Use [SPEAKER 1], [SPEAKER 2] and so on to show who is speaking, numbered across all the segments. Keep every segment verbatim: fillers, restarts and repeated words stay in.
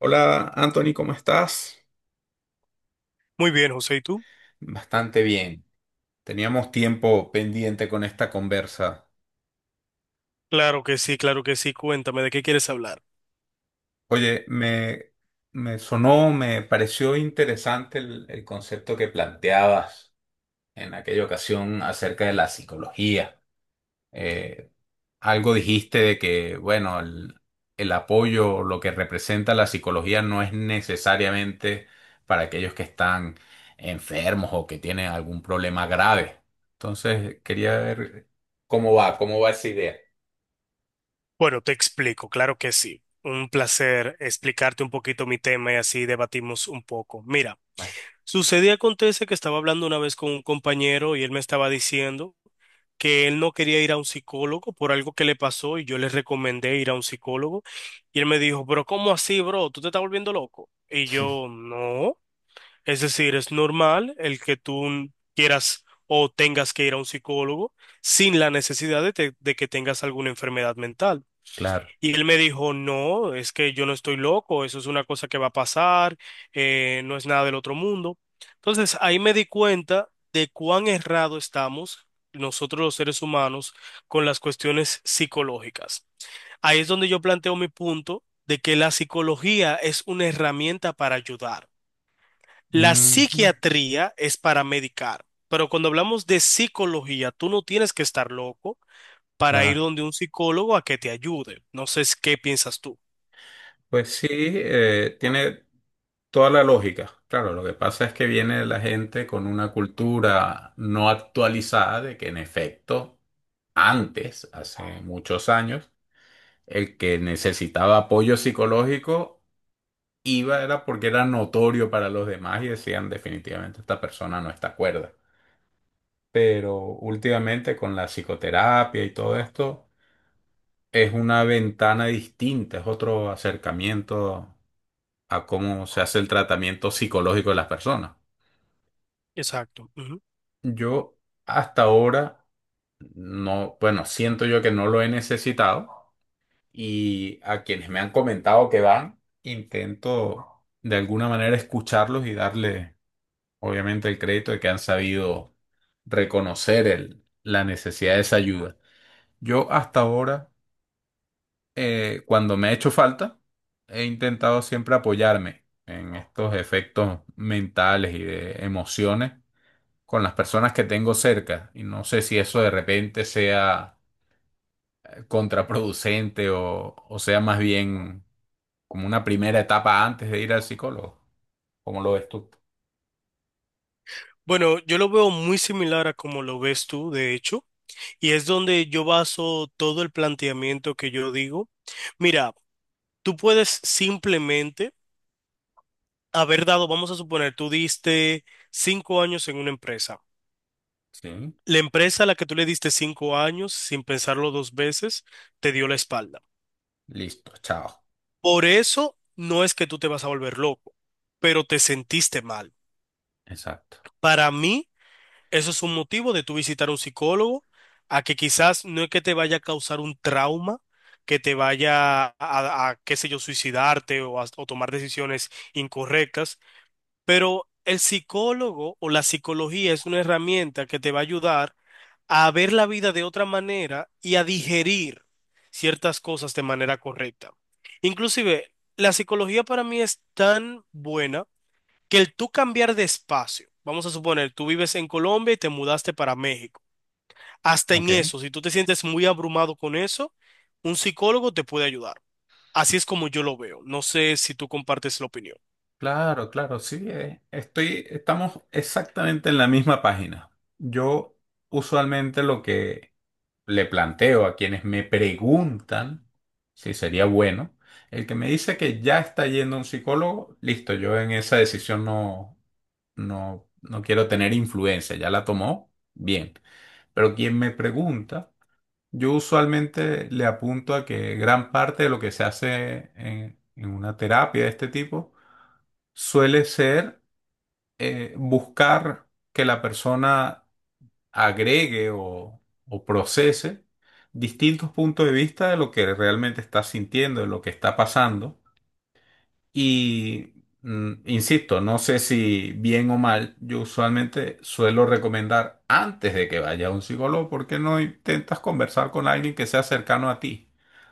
[SPEAKER 1] Hola Anthony, ¿cómo estás?
[SPEAKER 2] Muy bien, José, ¿y tú?
[SPEAKER 1] Bastante bien. Teníamos tiempo pendiente con esta conversa.
[SPEAKER 2] Claro que sí, claro que sí. Cuéntame, ¿de qué quieres hablar?
[SPEAKER 1] Oye, me, me sonó, me pareció interesante el, el concepto que planteabas en aquella ocasión acerca de la psicología. eh, Algo dijiste de que, bueno, el, el apoyo, lo que representa la psicología no es necesariamente para aquellos que están enfermos o que tienen algún problema grave. Entonces, quería ver cómo va, cómo va esa idea.
[SPEAKER 2] Bueno, te explico, claro que sí. Un placer explicarte un poquito mi tema y así debatimos un poco. Mira,
[SPEAKER 1] Va.
[SPEAKER 2] sucedía acontece que estaba hablando una vez con un compañero y él me estaba diciendo que él no quería ir a un psicólogo por algo que le pasó y yo le recomendé ir a un psicólogo y él me dijo, pero ¿cómo así, bro? ¿Tú te estás volviendo loco? Y
[SPEAKER 1] Sí.
[SPEAKER 2] yo, no. Es decir, es normal el que tú quieras o tengas que ir a un psicólogo sin la necesidad de, te- de que tengas alguna enfermedad mental.
[SPEAKER 1] Claro.
[SPEAKER 2] Y él me dijo, no, es que yo no estoy loco, eso es una cosa que va a pasar, eh, no es nada del otro mundo. Entonces, ahí me di cuenta de cuán errado estamos nosotros los seres humanos con las cuestiones psicológicas. Ahí es donde yo planteo mi punto de que la psicología es una herramienta para ayudar. La
[SPEAKER 1] Ujú,
[SPEAKER 2] psiquiatría es para medicar, pero cuando hablamos de psicología, tú no tienes que estar loco para ir
[SPEAKER 1] claro.
[SPEAKER 2] donde un psicólogo a que te ayude. No sé si- ¿Qué piensas tú?
[SPEAKER 1] Pues sí, eh, tiene toda la lógica. Claro, lo que pasa es que viene la gente con una cultura no actualizada de que en efecto. Antes, hace muchos años, el que necesitaba apoyo psicológico iba era porque era notorio para los demás y decían definitivamente esta persona no está cuerda. Pero últimamente con la psicoterapia y todo esto es una ventana distinta, es otro acercamiento a cómo se hace el tratamiento psicológico de las personas.
[SPEAKER 2] Exacto, ujú.
[SPEAKER 1] Yo hasta ahora no, bueno, siento yo que no lo he necesitado, y a quienes me han comentado que van, intento de alguna manera escucharlos y darle, obviamente, el crédito de que han sabido reconocer el- la necesidad de esa ayuda. Yo hasta ahora, eh, cuando me ha hecho falta, he intentado siempre apoyarme en estos efectos mentales y de emociones con las personas que tengo cerca. Y no sé si eso de repente sea eh, contraproducente o, o sea más bien como una primera etapa antes de ir al psicólogo. ¿Cómo lo ves tú?
[SPEAKER 2] Bueno, yo lo veo muy similar a como lo ves tú, de hecho, y es donde yo baso todo el planteamiento que yo digo. Mira, tú puedes simplemente haber dado, vamos a suponer, tú diste cinco años en una empresa.
[SPEAKER 1] Sí,
[SPEAKER 2] La empresa a la que tú le diste cinco años sin pensarlo dos veces te dio la espalda.
[SPEAKER 1] listo, chao.
[SPEAKER 2] Por eso no es que tú te vas a volver loco, pero te sentiste mal.
[SPEAKER 1] Exacto.
[SPEAKER 2] Para mí, eso es un motivo de tú visitar a un psicólogo, a que quizás no es que te vaya a causar un trauma, que te vaya a, a- qué sé yo, suicidarte o, a- o tomar decisiones incorrectas. Pero el psicólogo o la psicología es una herramienta que te va a ayudar a ver la vida de otra manera y a digerir ciertas cosas de manera correcta. Inclusive, la psicología para mí es tan buena que el tú cambiar de espacio, vamos a suponer, tú vives en Colombia y te mudaste para México. Hasta en
[SPEAKER 1] Ok.
[SPEAKER 2] eso, si tú te sientes muy abrumado con eso, un psicólogo te puede ayudar. Así es como yo lo veo. No sé si tú compartes la opinión.
[SPEAKER 1] Claro, claro, sí. eh, Estoy, estamos exactamente en la misma página. Yo usualmente lo que le planteo a quienes me preguntan si sería bueno, el que me dice que ya está yendo a un psicólogo, listo, yo en esa decisión no, no, no quiero tener influencia, ya la tomó, bien. Pero quien me pregunta, yo usualmente le apunto a que gran parte de lo que se hace en, en una terapia de este tipo suele ser, eh, buscar que la persona agregue o, o procese distintos puntos de vista de lo que realmente está sintiendo, de lo que está pasando. Y mm, insisto, no sé si bien o mal, yo usualmente suelo recomendar antes de que vaya a un psicólogo, ¿porque no intentas conversar con alguien que sea cercano a ti?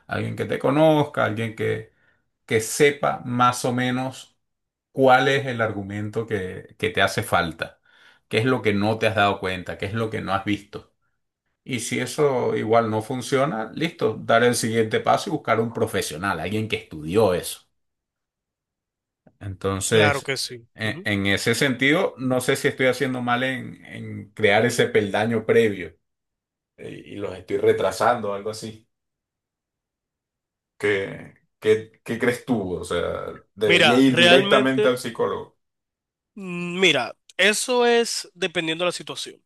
[SPEAKER 1] Alguien que te conozca, alguien que, que sepa más o menos cuál es el argumento que, que te hace falta, qué es lo que no te has dado cuenta, qué es lo que no has visto. Y si eso igual no funciona, listo, dar el siguiente paso y buscar un profesional, alguien que estudió eso.
[SPEAKER 2] Claro
[SPEAKER 1] Entonces,
[SPEAKER 2] que sí.
[SPEAKER 1] en,
[SPEAKER 2] Ujú.
[SPEAKER 1] en ese sentido, no sé si estoy haciendo mal en, en crear ese peldaño previo, eh, y los estoy retrasando algo así. ¿Qué, qué, qué crees tú? O sea, debería
[SPEAKER 2] Mira,
[SPEAKER 1] ir directamente al
[SPEAKER 2] realmente,
[SPEAKER 1] psicólogo,
[SPEAKER 2] mm, mira, eso es dependiendo de la situación.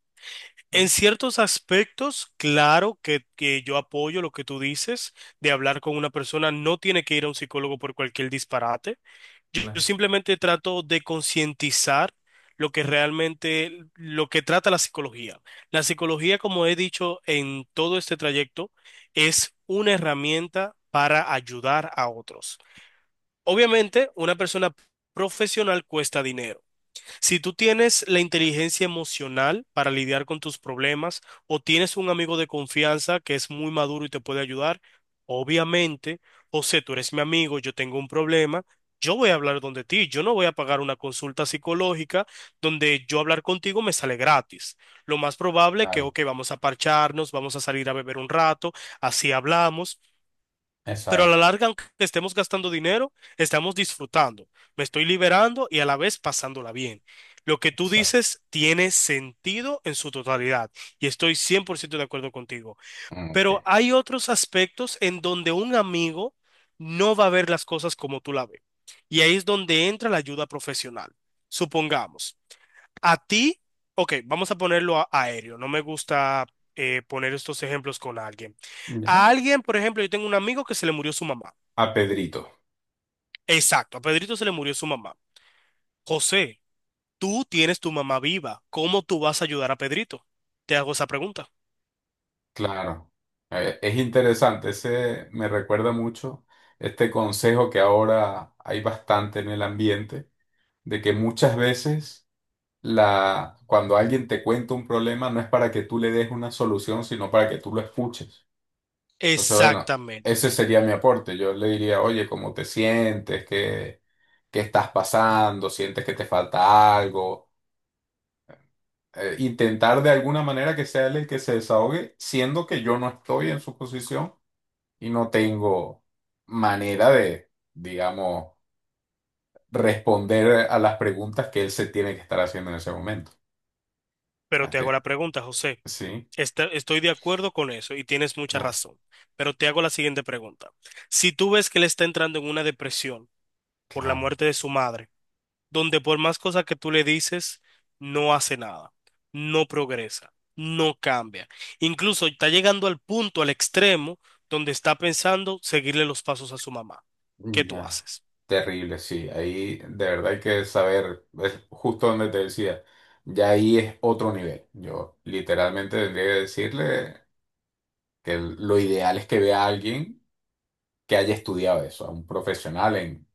[SPEAKER 2] En
[SPEAKER 1] ¿no?
[SPEAKER 2] ciertos aspectos, claro que, que yo apoyo lo que tú dices de hablar con una persona, no tiene que ir a un psicólogo por cualquier disparate. Yo
[SPEAKER 1] Claro.
[SPEAKER 2] simplemente trato de concientizar lo que realmente, lo que trata la psicología. La psicología, como he dicho en todo este trayecto, es una herramienta para ayudar a otros. Obviamente, una persona profesional cuesta dinero. Si tú tienes la inteligencia emocional para lidiar con tus problemas o tienes un amigo de confianza que es muy maduro y te puede ayudar, obviamente, José, tú eres mi amigo, yo tengo un problema, yo voy a hablar donde ti, yo no voy a pagar una consulta psicológica donde yo hablar contigo me sale gratis. Lo más probable que,
[SPEAKER 1] Claro,
[SPEAKER 2] ok, vamos a parcharnos, vamos a salir a beber un rato, así hablamos. Pero a la
[SPEAKER 1] exacto,
[SPEAKER 2] larga, aunque estemos gastando dinero, estamos disfrutando. Me estoy liberando y a la vez pasándola bien. Lo que tú
[SPEAKER 1] exacto.
[SPEAKER 2] dices tiene sentido en su totalidad y estoy cien por ciento de acuerdo contigo.
[SPEAKER 1] Mm,
[SPEAKER 2] Pero
[SPEAKER 1] Ok.
[SPEAKER 2] hay otros aspectos en donde un amigo no va a ver las cosas como tú la ves. Y ahí es donde entra la ayuda profesional. Supongamos, a ti, ok, vamos a ponerlo a- aéreo. No me gusta eh, poner estos ejemplos con alguien. A
[SPEAKER 1] Ya.
[SPEAKER 2] alguien, por ejemplo, yo tengo un amigo que se le murió su mamá.
[SPEAKER 1] A Pedrito,
[SPEAKER 2] Exacto, a Pedrito se le murió su mamá. José, tú tienes tu mamá viva. ¿Cómo tú vas a ayudar a Pedrito? Te hago esa pregunta.
[SPEAKER 1] claro. Eh, es interesante, ese me recuerda mucho este consejo que ahora hay bastante en el ambiente, de que muchas veces la, cuando alguien te cuenta un problema, no es para que tú le des una solución, sino para que tú lo escuches. Entonces, bueno,
[SPEAKER 2] Exactamente.
[SPEAKER 1] ese sería mi aporte. Yo le diría, oye, ¿cómo te sientes? ¿Qué, qué estás pasando? ¿Sientes que te falta algo? Eh, intentar de alguna manera que sea él el que se desahogue, siendo que yo no estoy en su posición y no tengo manera de, digamos, responder a las preguntas que él se tiene que estar haciendo en ese momento.
[SPEAKER 2] Pero te hago
[SPEAKER 1] Hasta-
[SPEAKER 2] la pregunta, José.
[SPEAKER 1] Sí,
[SPEAKER 2] Esta- estoy de acuerdo con eso y tienes mucha
[SPEAKER 1] claro,
[SPEAKER 2] razón. Pero te hago la siguiente pregunta. Si tú ves que él está entrando en una depresión por la
[SPEAKER 1] claro.
[SPEAKER 2] muerte de su madre, donde por más cosas que tú le dices, no hace nada, no progresa, no cambia. Incluso está llegando al punto, al extremo, donde está pensando seguirle los pasos a su mamá. ¿Qué
[SPEAKER 1] Mm,
[SPEAKER 2] tú
[SPEAKER 1] Ya.
[SPEAKER 2] haces?
[SPEAKER 1] Terrible, sí. Ahí de verdad hay que saber, es justo donde te decía, ya ahí es otro nivel. Yo literalmente tendría que decirle que lo ideal es que vea a alguien que haya estudiado eso, a un profesional en,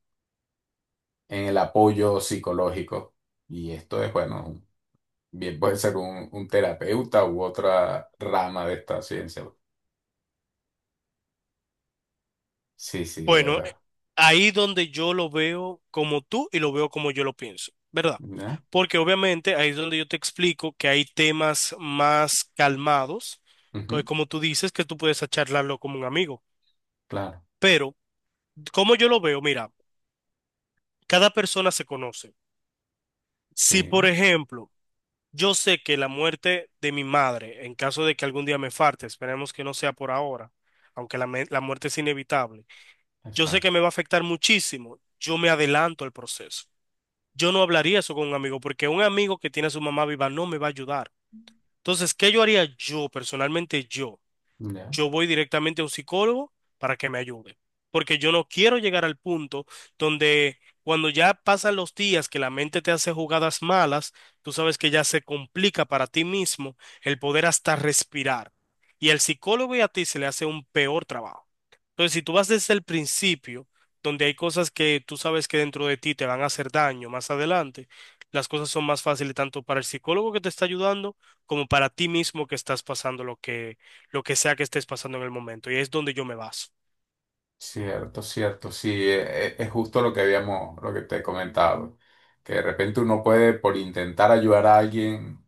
[SPEAKER 1] en el apoyo psicológico. Y esto es, bueno, un- bien puede ser un, un terapeuta u otra rama de esta ciencia. Sí, sí, de
[SPEAKER 2] Bueno, eh,
[SPEAKER 1] verdad.
[SPEAKER 2] ahí donde yo lo veo como tú y lo veo como yo lo pienso, ¿verdad?
[SPEAKER 1] ¿Ya?
[SPEAKER 2] Porque obviamente ahí es donde yo te explico que hay temas más calmados, co-
[SPEAKER 1] Ujú,
[SPEAKER 2] como tú dices, que tú puedes charlarlo como un amigo.
[SPEAKER 1] claro,
[SPEAKER 2] Pero, como yo lo veo, mira, cada persona se conoce. Si, por
[SPEAKER 1] sí,
[SPEAKER 2] ejemplo, yo sé que la muerte de mi madre, en caso de que algún día me falte, esperemos que no sea por ahora, aunque la, me- la muerte es inevitable, yo sé que
[SPEAKER 1] exacto.
[SPEAKER 2] me va a afectar muchísimo, yo me adelanto al proceso. Yo no hablaría eso con un amigo, porque un amigo que tiene a su mamá viva no me va a ayudar. Entonces, ¿qué yo haría yo, personalmente yo?
[SPEAKER 1] ¿Ya?
[SPEAKER 2] Yo voy directamente a un psicólogo para que me ayude. Porque yo no quiero llegar al punto donde cuando ya pasan los días que la mente te hace jugadas malas, tú sabes que ya se complica para ti mismo el poder hasta respirar. Y al psicólogo y a ti se le hace un peor trabajo. Entonces, si tú vas desde el principio, donde hay cosas que tú sabes que dentro de ti te van a hacer daño más adelante, las cosas son más fáciles tanto para el psicólogo que te está ayudando como para ti mismo que estás pasando lo que lo que sea que estés pasando en el momento. Y es donde yo me baso.
[SPEAKER 1] Cierto, cierto, sí, e- e- es justo lo que habíamos, lo que te he comentado, que de repente uno puede, por intentar ayudar a alguien,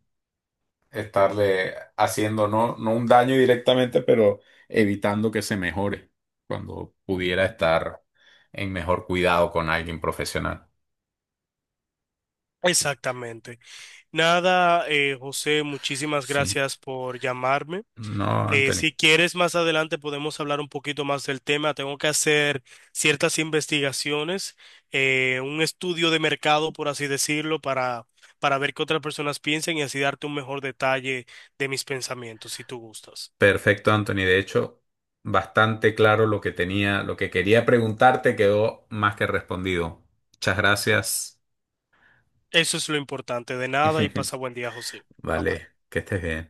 [SPEAKER 1] estarle haciendo no, no un daño directamente, pero evitando que se mejore cuando pudiera estar en mejor cuidado con alguien profesional.
[SPEAKER 2] Exactamente. Nada, eh, José, muchísimas
[SPEAKER 1] Sí,
[SPEAKER 2] gracias por llamarme.
[SPEAKER 1] no,
[SPEAKER 2] Eh,
[SPEAKER 1] Anthony.
[SPEAKER 2] si quieres, más adelante podemos hablar un poquito más del tema. Tengo que hacer ciertas investigaciones, eh, un estudio de mercado, por así decirlo, para, para ver qué otras personas piensan y así darte un mejor detalle de mis pensamientos, si tú gustas.
[SPEAKER 1] Perfecto, Anthony. De hecho, bastante claro lo que tenía, lo que quería preguntarte quedó más que respondido. Muchas gracias.
[SPEAKER 2] Eso es lo importante. De nada y pasa buen día, José. Bye
[SPEAKER 1] Vale,
[SPEAKER 2] bye.
[SPEAKER 1] que estés bien.